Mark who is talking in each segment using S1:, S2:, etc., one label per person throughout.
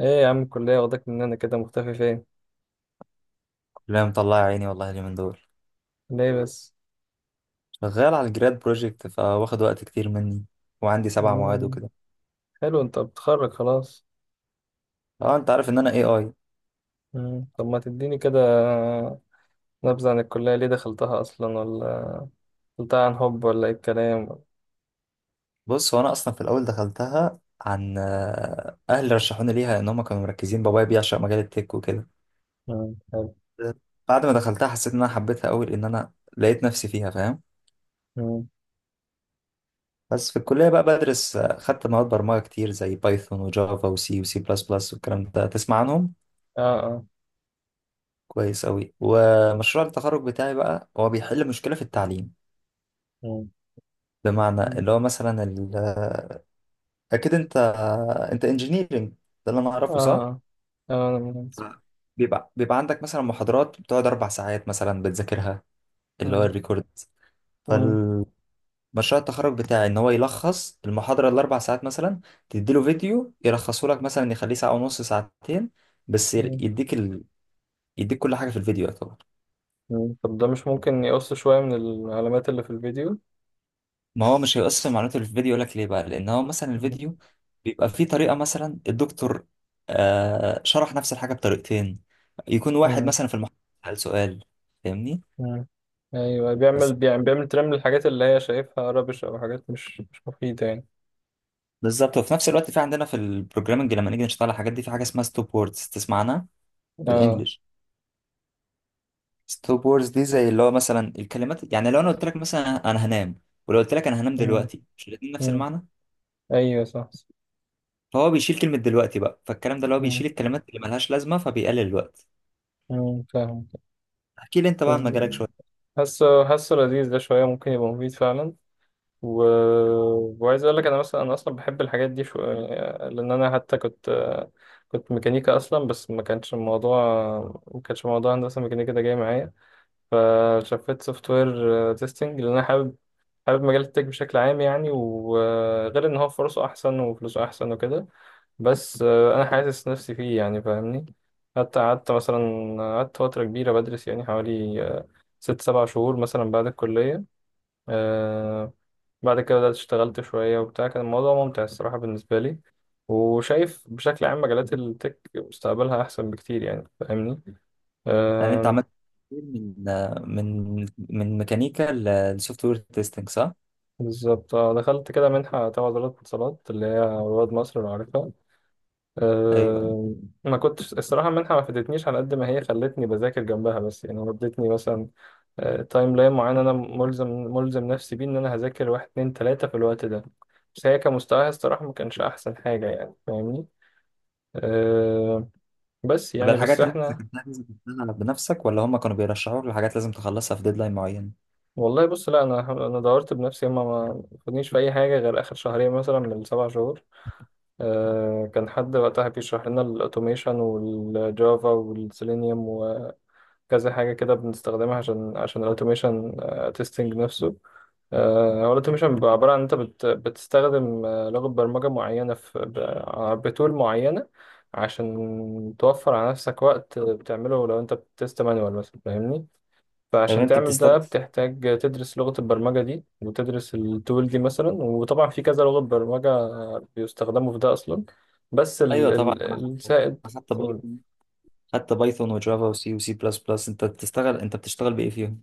S1: ايه يا عم الكلية واخدك مننا كده مختفي فين؟
S2: لا، مطلع عيني والله اليومين دول.
S1: ليه بس؟
S2: شغال على الجراد بروجكت، فواخد وقت كتير مني، وعندي سبع مواد
S1: مم.
S2: وكده.
S1: حلو انت بتتخرج خلاص.
S2: اه، انت عارف ان انا اي اي.
S1: مم. طب ما تديني كده نبذة عن الكلية ليه دخلتها أصلا ولا دخلتها عن حب ولا ايه الكلام؟
S2: بص، هو انا اصلا في الاول دخلتها عن، اهلي رشحوني ليها، ان هم كانوا مركزين. بابايا بيعشق مجال التك وكده.
S1: مم. حلو.
S2: بعد ما دخلتها حسيت ان انا حبيتها قوي، لان انا لقيت نفسي فيها، فاهم.
S1: مم.
S2: بس في الكليه بقى بدرس، خدت مواد برمجه كتير زي بايثون وجافا وسي وسي بلس بلس، والكلام ده تسمع عنهم
S1: اه اه.
S2: كويس قوي. ومشروع التخرج بتاعي بقى هو بيحل مشكله في التعليم،
S1: مم.
S2: بمعنى اللي هو مثلا اكيد انت انجينيرنج، ده اللي انا
S1: اه
S2: اعرفه، صح؟
S1: اه. أنا مناسب.
S2: آه. بيبقى عندك مثلا محاضرات بتقعد اربع ساعات، مثلا بتذاكرها، اللي هو
S1: مم.
S2: الريكورد.
S1: مم.
S2: فالمشروع التخرج بتاعي ان هو يلخص المحاضره الاربع ساعات، مثلا تديله فيديو يلخصه لك، مثلا يخليه ساعه ونص، ساعتين، بس
S1: مم.
S2: يديك كل حاجه في الفيديو.
S1: مم. طب ده مش ممكن يقص شوية من العلامات اللي في الفيديو؟
S2: ما هو مش هيقص في معلومات اللي في الفيديو، يقول لك ليه بقى، لان هو مثلا
S1: مم.
S2: الفيديو بيبقى فيه طريقه، مثلا الدكتور شرح نفس الحاجه بطريقتين، يكون واحد
S1: مم.
S2: مثلا في المحاضره سأل سؤال، فاهمني،
S1: مم. ايوه بيعمل
S2: بس
S1: بيعمل بيعمل ترمل الحاجات اللي هي شايفها ربش او حاجات مش مفيدة يعني.
S2: بالظبط. وفي نفس الوقت في عندنا في البروجرامنج، لما نيجي نشتغل على الحاجات دي، في حاجه اسمها ستوب ووردز، تسمعنا في
S1: اه.
S2: الانجليش. ستوب ووردز دي زي اللي هو مثلا الكلمات، يعني لو انا قلت لك مثلا انا هنام، ولو قلت لك انا هنام
S1: مم.
S2: دلوقتي، مش الاتنين نفس
S1: مم.
S2: المعنى.
S1: ايوه صح.
S2: فهو بيشيل كلمه دلوقتي بقى، فالكلام ده اللي هو
S1: مم.
S2: بيشيل الكلمات اللي ملهاش لازمه، فبيقلل الوقت.
S1: مم. فاهم.
S2: احكي لي انت بقى
S1: بس
S2: عن مجالك شويه.
S1: حاسه لذيذ ده شويه ممكن يبقى مفيد فعلا. و... وعايز اقول لك انا مثلا انا اصلا بحب الحاجات دي. لان انا حتى كنت ميكانيكا اصلا بس ما كانش موضوع هندسه ميكانيكا ده جاي معايا. فشفت سوفت وير تيستنج لان انا حابب مجال التك بشكل عام يعني وغير ان هو فرصه احسن وفلوسه احسن وكده. بس انا حاسس نفسي فيه يعني فاهمني. حتى قعدت فتره كبيره بدرس يعني حوالي ست سبع شهور مثلا بعد الكليه. آه، بعد كده بدأت اشتغلت شويه وبتاع كان الموضوع ممتع الصراحه بالنسبه لي. وشايف بشكل عام مجالات التك مستقبلها احسن بكتير يعني فاهمني.
S2: يعني انت
S1: آه،
S2: عملت كتير من من ميكانيكا للسوفت وير تيستنج، صح؟
S1: بالظبط. دخلت كده منحه تبع وزاره الاتصالات اللي هي رواد مصر لو عارفها.
S2: ايوه.
S1: آه، ما كنتش الصراحة المنحة ما فادتنيش على قد ما هي خلتني بذاكر جنبها بس يعني ودتني مثلا تايم لاين معين انا ملزم نفسي بيه ان انا هذاكر واحد اتنين تلاتة في الوقت ده. بس هي كمستواها الصراحة ما كانش احسن حاجة يعني فاهمني. أه. بس
S2: طب
S1: يعني بس
S2: الحاجات اللي انت
S1: احنا.
S2: ذاكرتها دي، ذاكرتها بنفسك ولا هم كانوا بيرشحوك لحاجات لازم تخلصها في ديدلاين معين؟
S1: والله بص لا انا دورت بنفسي هما ما خدنيش في اي حاجة غير اخر شهرين مثلا من السبع شهور. أه كان حد وقتها بيشرح لنا الاوتوميشن والجافا والسيلينيوم كذا حاجة كده بنستخدمها عشان الأوتوميشن تيستنج نفسه. هو الأوتوميشن بيبقى عبارة عن أنت بتستخدم لغة برمجة معينة في بتول معينة عشان توفر على نفسك وقت بتعمله لو أنت بتست مانوال مثلا فاهمني؟
S2: طب
S1: فعشان
S2: انت
S1: تعمل ده
S2: بتستخدم،
S1: بتحتاج تدرس لغة البرمجة دي وتدرس التول دي مثلا وطبعا في كذا لغة برمجة بيستخدموا في ده أصلا. بس
S2: ايوه طبعا. انا خدت
S1: السائد.
S2: أنا خدت بايثون، وجافا وسي وسي بلس بلس، انت بتشتغل بايه فيهم؟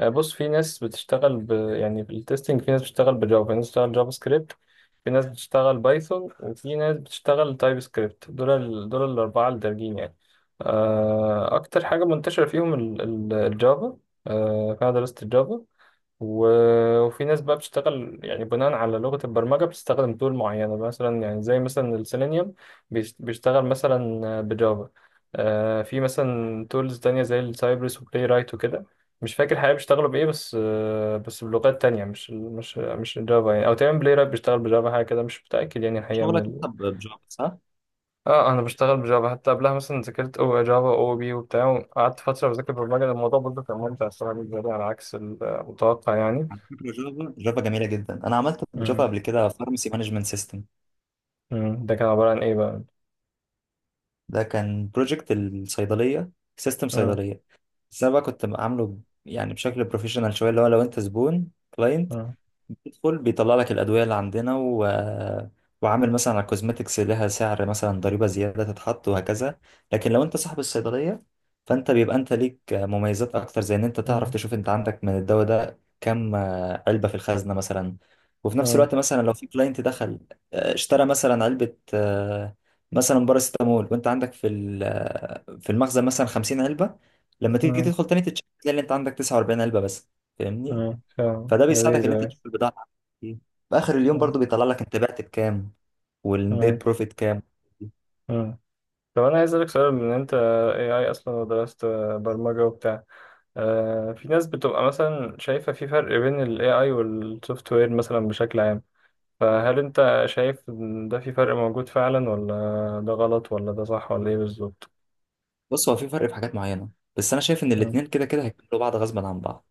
S1: بص في ناس بتشتغل يعني بالتستنج في ناس بتشتغل بجافا في ناس بتشتغل جافا سكريبت في ناس بتشتغل بايثون وفي ناس بتشتغل تايب سكريبت دول الأربعة اللي دارجين يعني. أكتر حاجة منتشرة فيهم الجافا. فأنا درست الجافا. وفي ناس بقى بتشتغل يعني بناء على لغة البرمجة بتستخدم تول معينة مثلا يعني زي مثلا السيلينيوم بيشتغل مثلا بجافا. في مثلا تولز تانية زي السايبرس وبلاي رايت وكده. مش فاكر الحقيقة بيشتغلوا بإيه بس بس بلغات تانية مش جافا يعني. أو تقريبا بلاي رايت بيشتغل بجافا حاجة كده مش متأكد يعني الحقيقة من
S2: شغلك انت بجافا، صح؟
S1: اه انا بشتغل بجافا حتى قبلها مثلا ذاكرت او جافا او بي وبتاع قعدت فتره بذاكر برمجه الموضوع برضه كان ممتع الصراحه بالنسبه لي على عكس المتوقع يعني.
S2: على فكره جافا جافا جميله جدا، انا عملت بجافا قبل كده فارماسي مانجمنت سيستم.
S1: مم. ده كان عبارة عن إيه بقى؟
S2: ده كان بروجكت الصيدليه، سيستم
S1: مم.
S2: صيدليه. بس انا بقى كنت عامله يعني بشكل بروفيشنال شويه، اللي هو لو انت زبون كلاينت
S1: مم.
S2: بيدخل بيطلع لك الأدوية اللي عندنا، وعامل مثلا على الكوزماتكس لها سعر، مثلا ضريبة زيادة تتحط وهكذا. لكن لو أنت صاحب الصيدلية، فأنت بيبقى أنت ليك مميزات أكتر، زي إن أنت تعرف
S1: مم.
S2: تشوف أنت عندك من الدواء ده كم علبة في الخزنة مثلا. وفي نفس
S1: مم.
S2: الوقت مثلا لو في كلاينت دخل، اشترى مثلا علبة، مثلا باراسيتامول، وأنت عندك في ال- آه، في المخزن مثلا 50 علبة، لما تيجي
S1: مم.
S2: تدخل تاني تتشيك تلاقي إن أنت عندك 49 علبة بس، فاهمني.
S1: مم. فاهم
S2: فده بيساعدك ان انت
S1: لذيذة.
S2: تشوف البضاعه بتاعتك. إيه. في اخر اليوم
S1: مم.
S2: برضو بيطلع لك انت بعت بكام، والنت
S1: مم.
S2: بروفيت كام.
S1: مم. طب أنا عايز أسألك سؤال من أنت AI أصلا ودرست برمجة وبتاع. في ناس بتبقى مثلا شايفة في فرق بين ال AI وال software مثلا بشكل عام. فهل أنت شايف إن ده في فرق موجود فعلا ولا ده غلط ولا ده صح ولا إيه بالظبط؟
S2: بص، هو في فرق في حاجات معينه، بس انا شايف ان
S1: مم.
S2: الاثنين كده كده هيكملوا بعض غصبا عن بعض.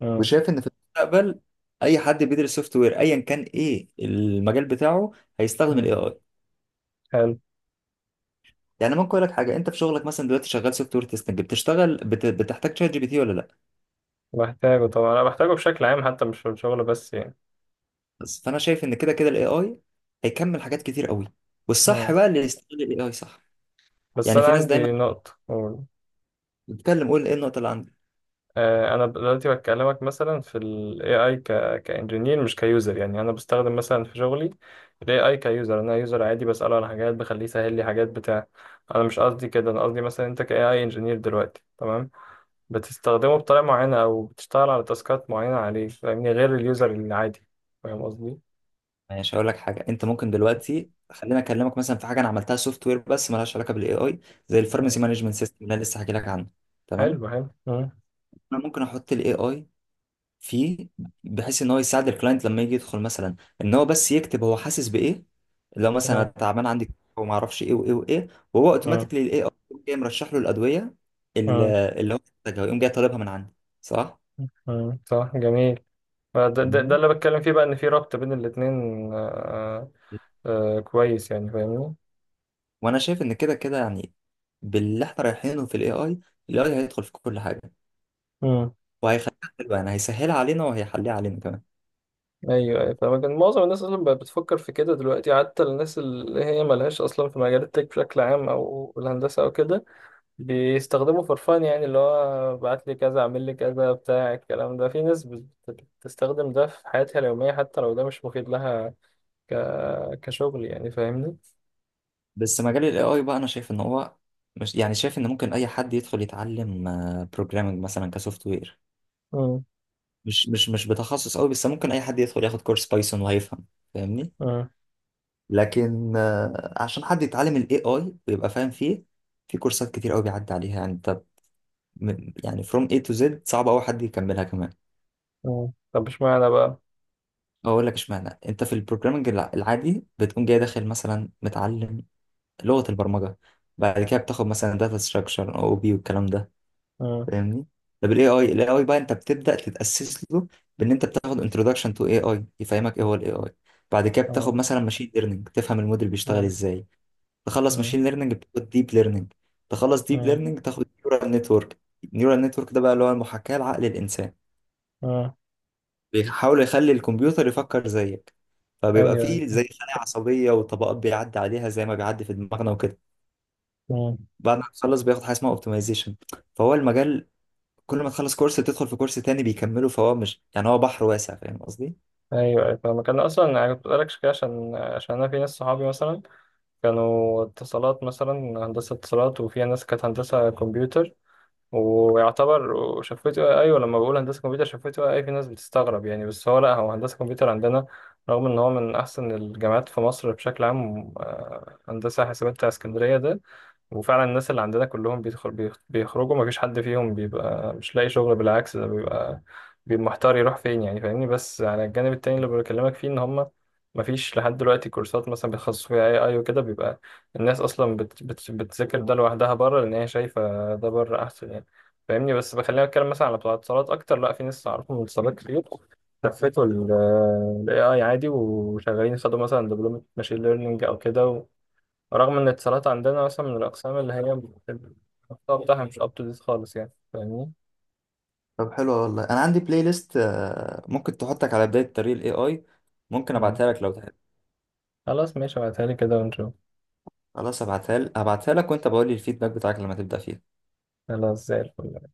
S1: مم.
S2: وشايف ان في المستقبل اي حد بيدرس سوفت وير، ايا كان ايه المجال بتاعه، هيستخدم الاي
S1: مم.
S2: اي.
S1: حلو.
S2: يعني ممكن اقول لك حاجه، انت في شغلك مثلا دلوقتي شغال سوفت وير تيستنج، بتشتغل بتحتاج شات جي بي تي ولا لا؟
S1: بحتاجه طبعا أنا بحتاجه بشكل عام حتى مش في الشغل بس يعني.
S2: بس فانا شايف ان كده كده الاي اي هيكمل حاجات كتير قوي،
S1: مم.
S2: والصح بقى اللي يستغل الاي اي صح.
S1: بس
S2: يعني
S1: انا
S2: في ناس دايما
S1: عندي نقطة أقول.
S2: بتتكلم، قول ايه النقطه اللي عندك.
S1: انا دلوقتي بكلمك مثلا في ال AI كانجينير مش كيوزر يعني انا بستخدم مثلا في شغلي ال AI كيوزر انا يوزر عادي بسأله على حاجات بخليه يسهل لي حاجات بتاع. انا مش قصدي كده انا قصدي مثلا انت ك AI انجينير دلوقتي تمام بتستخدمه بطريقة معينة او بتشتغل على تاسكات معينة عليه فاهمني غير اليوزر العادي فاهم قصدي؟
S2: ماشي، هقول لك حاجه. انت ممكن دلوقتي، خليني اكلمك مثلا في حاجه انا عملتها سوفت وير بس مالهاش علاقه بالاي اي، زي الفارماسي
S1: مم.
S2: مانجمنت سيستم اللي انا لسه هحكي لك عنه، تمام؟
S1: حلو حلو. مم.
S2: انا ممكن احط الاي اي فيه، بحيث ان هو يساعد الكلاينت لما يجي يدخل، مثلا ان هو بس يكتب هو حاسس بايه. لو مثلا أنا
S1: مم.
S2: تعبان عندي وما اعرفش ايه وايه وايه، وهو
S1: مم.
S2: اوتوماتيكلي الاي اي جاي مرشح له الادويه اللي هو محتاجها، ويقوم جاي طالبها من عندي، صح.
S1: مم. مم. صح جميل. ده
S2: مم.
S1: اللي بتكلم فيه بقى ان في ربط بين الاتنين. آه، آه، كويس يعني فاهمني.
S2: وانا شايف ان كده كده يعني، باللي احنا رايحينه في الاي اي هيدخل في كل حاجه،
S1: امم.
S2: وهيخليها حلوة، يعني هيسهلها علينا وهيحليها علينا كمان.
S1: ايوه ايوه فاهمك إن معظم الناس اصلا بقت بتفكر في كده دلوقتي حتى الناس اللي هي ملهاش اصلا في مجال التك بشكل عام او الهندسه او كده. بيستخدموا فرفان يعني اللي هو بعت لي كذا اعمل لي كذا بتاع الكلام ده في ناس بتستخدم ده في حياتها اليوميه حتى لو ده مش مفيد لها. ك... كشغل يعني فاهمني.
S2: بس مجال ال AI بقى أنا شايف إن هو، مش يعني شايف إن ممكن أي حد يدخل يتعلم بروجرامنج مثلا كسوفت وير،
S1: امم
S2: مش بتخصص قوي، بس ممكن أي حد يدخل ياخد كورس بايثون وهيفهم، فاهمني.
S1: امم
S2: لكن عشان حد يتعلم ال AI ويبقى فاهم فيه، في كورسات كتير قوي بيعدي عليها، يعني أنت يعني from A to Z صعب أوي حد يكملها كمان.
S1: طب اشمعنى بقى.
S2: أقول لك إشمعنى، أنت في البروجرامنج العادي بتقوم جاي داخل مثلا متعلم لغة البرمجة، بعد كده بتاخد مثلا داتا ستراكشر او بي والكلام ده،
S1: امم
S2: فاهمني. طب الاي اي بقى انت بتبدأ تتأسس له، بان انت بتاخد انتروداكشن تو اي اي يفهمك ايه هو الاي اي. بعد كده بتاخد مثلا ماشين ليرنينج، تفهم الموديل بيشتغل ازاي. تخلص ماشين ليرنينج بتاخد ديب ليرنينج، تخلص ديب
S1: امم.
S2: ليرنينج تاخد نيورال نتورك. نيورال نتورك ده بقى اللي هو المحاكاة لعقل الانسان،
S1: مم.
S2: بيحاول يخلي الكمبيوتر يفكر زيك. فبيبقى
S1: ايوه
S2: فيه
S1: ايوه.
S2: زي خلايا عصبية وطبقات بيعدي عليها زي ما بيعدي في دماغنا وكده.
S1: مم.
S2: بعد ما تخلص بياخد حاجه اسمها اوبتمايزيشن، فهو المجال كل ما تخلص كورس بتدخل في كورس تاني بيكمله، فهو مش يعني، هو بحر واسع، فاهم قصدي؟
S1: ايوه ايوه فاهمك انا اصلا انا كنت بقولك كده عشان انا في ناس صحابي مثلا كانوا اتصالات مثلا هندسه اتصالات وفيها ناس كانت هندسه كمبيوتر. ويعتبر وشفت ايوه لما بقول هندسه كمبيوتر شفت اي في ناس بتستغرب يعني بس هو لا هو هندسه كمبيوتر عندنا رغم ان هو من احسن الجامعات في مصر بشكل عام هندسه حاسبات بتاع اسكندريه ده. وفعلا الناس اللي عندنا كلهم بيدخل بيخرجوا مفيش حد فيهم بيبقى مش لاقي شغل بالعكس ده بيبقى محتار يروح فين يعني فاهمني. بس على الجانب التاني اللي بكلمك فيه ان هم مفيش لحد دلوقتي كورسات مثلا بيتخصصوا فيها اي اي وكده بيبقى الناس اصلا بت بت بتذاكر ده لوحدها بره لان هي شايفه ده بره احسن يعني فاهمني. بس بخلينا اتكلم مثلا على بتوع اتصالات اكتر لا في ناس اعرفهم من اتصالات كتير لفتوا الاي اي عادي وشغالين خدوا مثلا دبلومه ماشين ليرنينج او كده. رغم ان الاتصالات عندنا مثلا من الاقسام اللي هي بتبقى المحتوى بتاعها مش اب تو ديت خالص يعني فاهمني.
S2: طب حلو والله، انا عندي بلاي ليست، ممكن تحطك على بدايه طريق الاي اي، ممكن
S1: مم.
S2: ابعتها لك لو تحب.
S1: خلاص ماشي ابعتها لي كده ونشوف.
S2: خلاص ابعتها لك، وانت بقول لي الفيدباك بتاعك لما تبدا فيها.
S1: خلاص زي الفل.